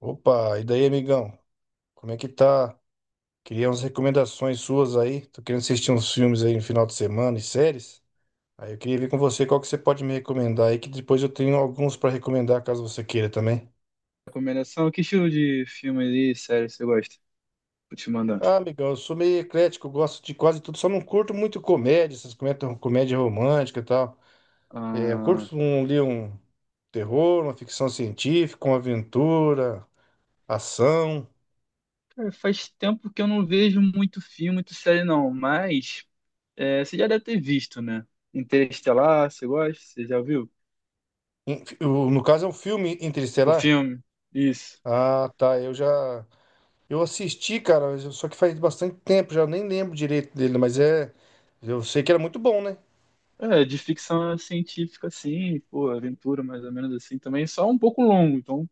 Opa, e daí, amigão? Como é que tá? Queria umas recomendações suas aí. Tô querendo assistir uns filmes aí no final de semana e séries. Aí eu queria ver com você qual que você pode me recomendar aí, que depois eu tenho alguns pra recomendar caso você queira também. Recomendação? Que estilo de filme e série você gosta? Vou te mandar. Ah, amigão, eu sou meio eclético, eu gosto de quase tudo, só não curto muito comédia, essas comédia romântica e tal. É, eu Ah, curto um, ali um terror, uma ficção científica, uma aventura, ação. cara, faz tempo que eu não vejo muito filme, muito série, não. Mas é, você já deve ter visto, né? Interestelar, você gosta? Você já viu? No caso é um filme O interestelar. filme? Isso. Ah, tá, eu já. Eu assisti, cara, só que faz bastante tempo, já nem lembro direito dele, mas é. Eu sei que era muito bom, né? É, de ficção científica, assim, pô, aventura mais ou menos assim também. Só um pouco longo, então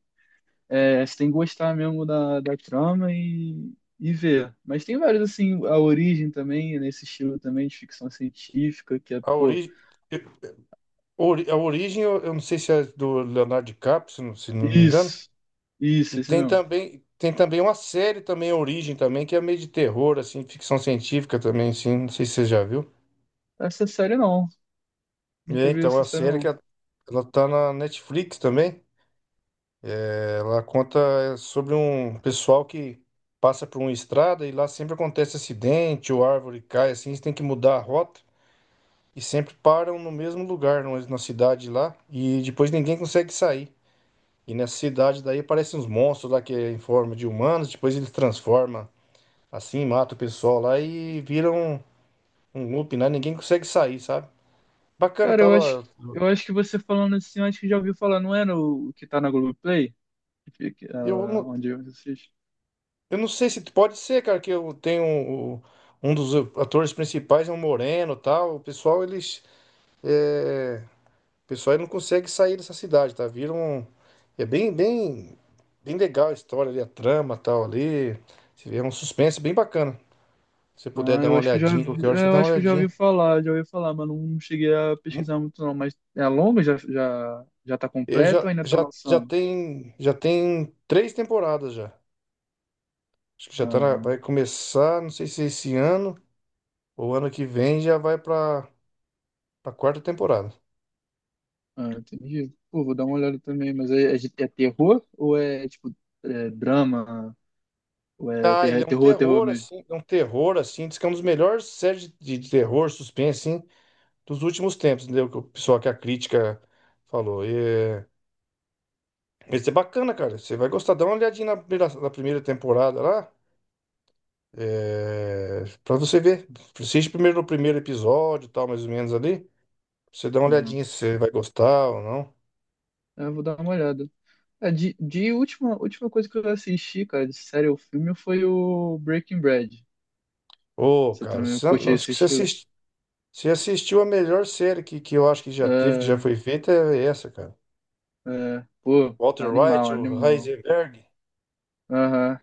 é, você tem que gostar mesmo da trama e ver. Mas tem vários, assim, a origem também, nesse estilo também de ficção científica, que é, A pô. origem, a origem eu não sei se é do Leonardo DiCaprio, se não me engano. Isso, E isso, esse tem mesmo. também, tem também uma série também, a Origem também, que é meio de terror, assim, ficção científica também, assim, não sei se você já viu. Essa série não. E é, Nunca vi então, a essa série série que não. ela tá na Netflix também. Ela conta sobre um pessoal que passa por uma estrada e lá sempre acontece acidente ou árvore cai, assim, eles têm que mudar a rota e sempre param no mesmo lugar, na cidade lá, e depois ninguém consegue sair. E nessa cidade daí aparecem uns monstros lá que é em forma de humanos, depois eles transformam assim, mata o pessoal lá e viram um loop, né? Ninguém consegue sair, sabe? Bacana, Cara, tava. eu acho que você falando assim, eu acho que já ouviu falar, não é no, o que tá na Globoplay? Que fica, Eu, ah, não- onde eu assisto? Eu não sei se pode ser, cara, que eu tenho um dos atores principais é um moreno, e tal. É, o pessoal ele não consegue sair dessa cidade, tá? Vira um é bem bem bem legal a história ali, a trama, tal ali. Você vê, é um suspense bem bacana. Se você puder Ah, dar eu uma acho que eu já, olhadinha, qualquer hora você é, eu dá uma acho que eu olhadinha. Já ouvi falar, mas não cheguei a pesquisar muito não. Mas é longa? Já, já, já tá Eu completo já ou ainda tá já lançando? Já tem três temporadas já. Acho que já tá Ah, vai começar, não sei se é esse ano ou ano que vem já vai pra para quarta temporada. ah, entendi. Pô, vou dar uma olhada também, mas é, é, de- é terror ou é tipo é drama? Ou é Ah, ter- ele é é um terror, terror terror, mesmo? assim, é um terror, assim, diz que é um dos melhores séries de terror, suspense, assim, dos últimos tempos, entendeu? Que o pessoal que a crítica falou. E, é, esse é bacana, cara, você vai gostar, dá uma olhadinha na primeira temporada lá, pra você ver. Assiste primeiro o primeiro episódio, e tal, mais ou menos ali, pra você dá uma Uhum. olhadinha se você vai gostar ou não. Eu vou dar uma olhada. É, de última, última coisa que eu assisti, cara, de série ou filme, foi o Breaking Bad. Ô, Você cara, também curte acho esse que você, estilo? assist- você assistiu a melhor série que eu acho que já teve, que já É, foi feita, é essa, cara. é, pô, Walter White, animal, o animal. Heisenberg. Aham.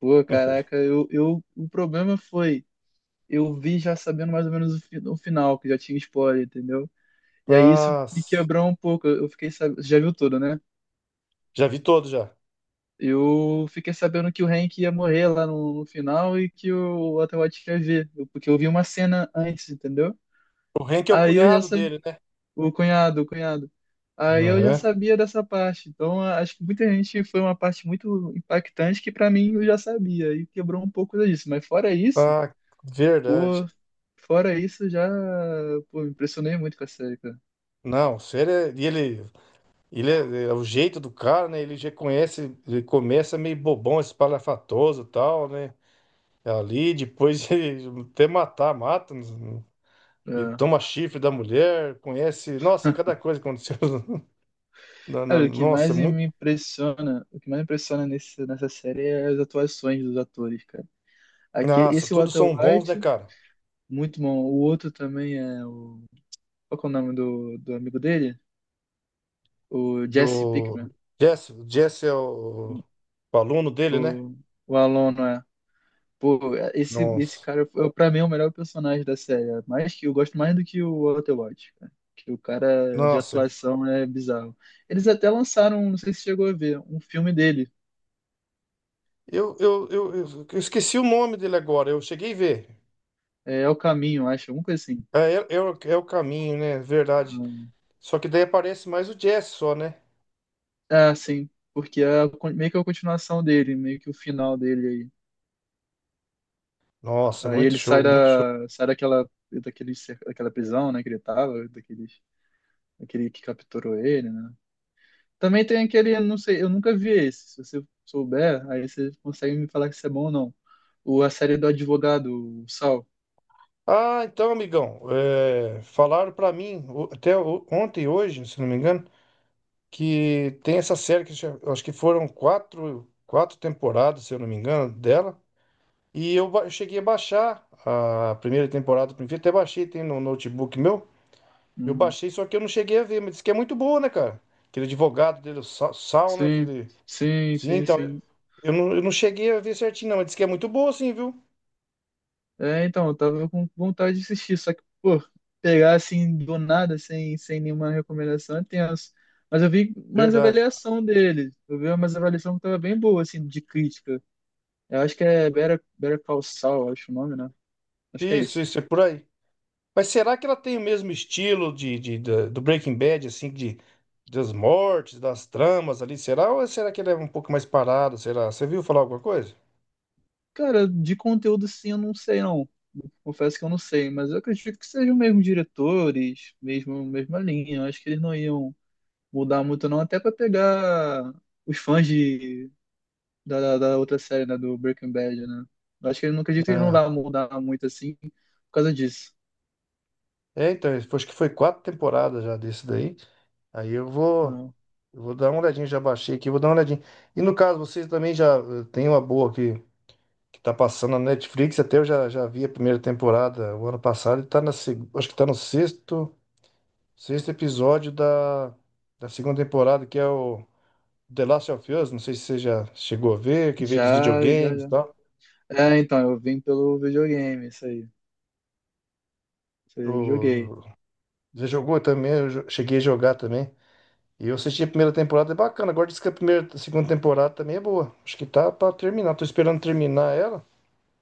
Pô, caraca, eu, o problema foi, eu vi já sabendo mais ou menos o, fi- o final, que já tinha spoiler, entendeu? E aí isso Ah, me quebrou um pouco. Eu fiquei sabendo, já viu tudo, né? já vi todo já. Eu fiquei sabendo que o Hank ia morrer lá no, no final e que o Walter White ia ver, eu- porque eu vi uma cena antes, entendeu? O Hank é o Aí eu já cunhado sabia, dele, né? o cunhado, o cunhado. Aí eu já Aham. sabia dessa parte. Então, a- acho que muita gente foi uma parte muito impactante que pra mim eu já sabia e quebrou um pouco disso. Mas fora isso, Ah, pô, verdade. fora isso já, pô, me impressionei muito com a série, cara. Não, o Sr. E ele é o jeito do cara, né? Ele já conhece, ele começa meio bobão, espalhafatoso e tal, né? Ali, depois ele até matar, mata, né? Ele É. toma chifre da mulher, conhece. Nossa, cada coisa que aconteceu. Cara, o que Nossa, mais muito. me impressiona, o que mais me impressiona nesse, nessa série é as atuações dos atores, cara. Aqui, Nossa, esse todos Walter são bons, né, White, cara? muito bom. O outro também é o, qual que é o nome do, do amigo dele? O Jesse Do Pinkman. Jesse, o Jesse é o aluno dele, né? O, o aluno é. Pô, esse Nossa, cara, é, pra mim, é o melhor personagem da série. É mais que eu gosto mais do que o Walter cara. Que o cara de nossa, atuação é bizarro. Eles até lançaram, não sei se chegou a ver, um filme dele. eu esqueci o nome dele agora, eu cheguei a ver. É, é o Caminho, acho, alguma coisa assim. É o caminho, né? Verdade. Só que daí aparece mais o Jesse só, né? Ah, ah, sim. Porque é a con- meio que a continuação dele, meio que o final dele Nossa, aí. Aí muito ele sai show, muito show. da, sai daquela, daquele, cer- daquela prisão, né, que ele tava, daquele, daquele que capturou ele, né? Também tem aquele, não sei, eu nunca vi esse. Se você souber, aí você consegue me falar se é bom ou não. O, a série do advogado, o Sal. Ah, então, amigão, falaram pra mim, ontem e hoje, se não me engano, que tem essa série eu acho que foram quatro temporadas, se eu não me engano, dela. E eu cheguei a baixar a primeira temporada, até baixei, tem no notebook meu. Eu Uhum. baixei, só que eu não cheguei a ver, mas disse que é muito boa, né, cara? Aquele advogado dele, o Sal, né? Sim, Aquele... sim, Sim, sim, então, eu sim. eu não, eu não cheguei a ver certinho, não, mas disse que é muito boa, sim, viu? É, então, eu tava com vontade de assistir, só que, pô, pegar assim do nada, sem, sem nenhuma recomendação, é tenso. Mas eu vi umas Verdade. avaliação dele. Eu vi umas avaliação que tava bem boa, assim, de crítica. Eu acho que é Better, Better Call Saul, acho o nome, né? Acho que é Isso, isso. isso, é por aí. Mas será que ela tem o mesmo estilo do Breaking Bad, assim, das mortes, das tramas ali? Será? Ou será que ela é um pouco mais parada? Será? Você viu falar alguma coisa? Cara, de conteúdo, sim, eu não sei, não. Confesso que eu não sei, mas eu acredito que sejam mesmo diretores, mesmo mesma linha. Eu acho que eles não iam mudar muito não, até para pegar os fãs de, da da outra série, né, do Breaking Bad, né? Eu acho que eu não acredito que eles não Ah, vão mudar muito assim por causa disso. Então, acho que foi 4 temporadas já desse daí. Aí eu vou, Não. eu vou dar uma olhadinha, já baixei aqui, vou dar uma olhadinha. E no caso, vocês também já tem uma boa que tá passando na Netflix, até eu já vi a primeira temporada o ano passado, e tá acho que tá no sexto episódio da segunda temporada, que é o The Last of Us, não sei se você já chegou a ver, que veio dos Já, já, videogames e já. tal. É, então, eu vim pelo videogame, isso aí. Isso aí eu joguei. O, você jogou também, cheguei a jogar também. E eu assisti a primeira temporada, é bacana. Agora diz que a primeira, a segunda temporada também é boa. Acho que tá pra terminar. Tô esperando terminar ela.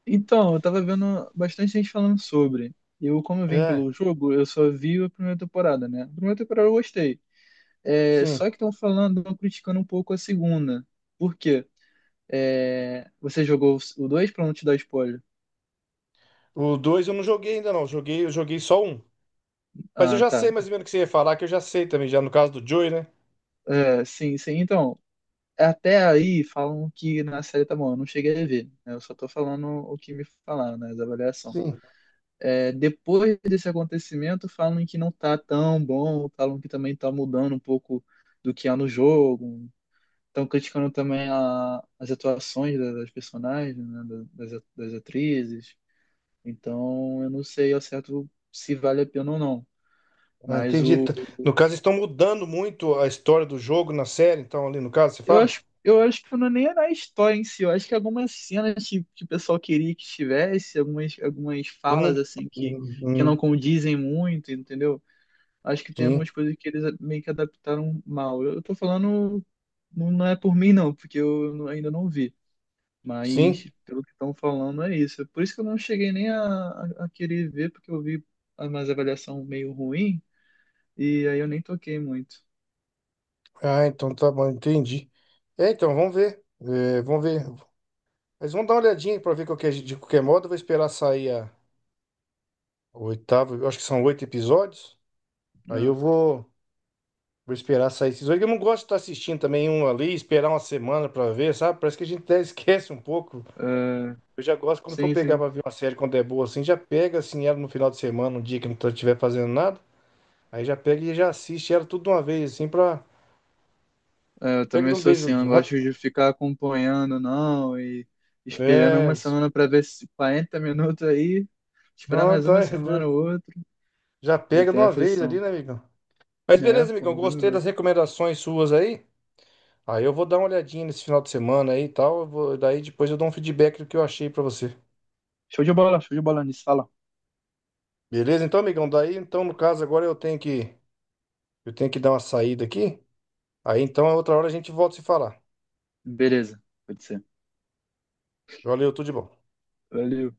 Então, eu tava vendo bastante gente falando sobre. Eu, como eu vim É, pelo jogo, eu só vi a primeira temporada, né? A primeira temporada eu gostei. É, sim. só que estão falando, estão criticando um pouco a segunda. Por quê? É, você jogou o 2 para não te dar spoiler? O dois eu não joguei ainda não, eu joguei só um. Mas eu Ah, já sei tá. mais ou menos o que você ia falar, que eu já sei também, já no caso do Joey, né? É, sim, sim. Então, até aí falam que na série tá bom, eu não cheguei a ver, né? Eu só tô falando o que me falaram, né? As avaliações. Sim, É, depois desse acontecimento, falam que não tá tão bom, falam que também tá mudando um pouco do que há no jogo. Estão criticando também a- as atuações da- das personagens, né? Da- Das, das atrizes. Então, eu não sei ao certo se vale a pena ou não. ah, Mas entendi. o. No caso, estão mudando muito a história do jogo na série, então ali no caso, você fala? Eu acho que não é nem na história em si. Eu acho que algumas cenas que o pessoal queria que tivesse, algumas, algumas E não. falas assim e não- que hum, não condizem muito, entendeu? Acho que tem Sim, algumas coisas que eles meio que adaptaram mal. Eu tô falando, não não é por mim, não, porque eu não- ainda não vi. sim. Mas pelo que estão falando é isso. Por isso que eu não cheguei nem a querer ver, porque eu vi mais avaliação meio ruim. E aí eu nem toquei muito. Ah, então tá bom, entendi. É, então, vamos ver. É, vamos ver. Mas vamos dar uma olhadinha pra ver de qualquer modo. Eu vou esperar sair a o oitavo, eu acho que são 8 episódios. Aí eu vou. Vou esperar sair esses oito. Eu não gosto de estar assistindo também um ali, esperar uma semana pra ver, sabe? Parece que a gente até esquece um pouco. É, é, Eu já gosto quando for sim, pegar sim. pra ver uma série quando é boa assim, já pega assim ela no final de semana, um dia que não estiver fazendo nada. Aí já pega e já assiste ela tudo de uma vez, assim, pra. É, eu Pega de também um sou assim, beijo. eu não gosto de ficar acompanhando, não, e esperando É. uma isso. semana para ver se 40 minutos aí, esperar Não, mais tá. uma semana ou outra. Já Eu pega de tenho uma vez ali, aflição. né, amigão? Mas É, beleza, pô, amigão. bem Gostei melhor. das recomendações suas aí. Aí eu vou dar uma olhadinha nesse final de semana aí e tal. Daí depois eu dou um feedback do que eu achei pra você. Show de bola nisso, fala. Beleza? Então, amigão, daí, então, no caso, agora eu tenho que dar uma saída aqui. Aí, então, a outra hora a gente volta a se falar. Beleza, pode ser. Valeu, tudo de bom. Valeu.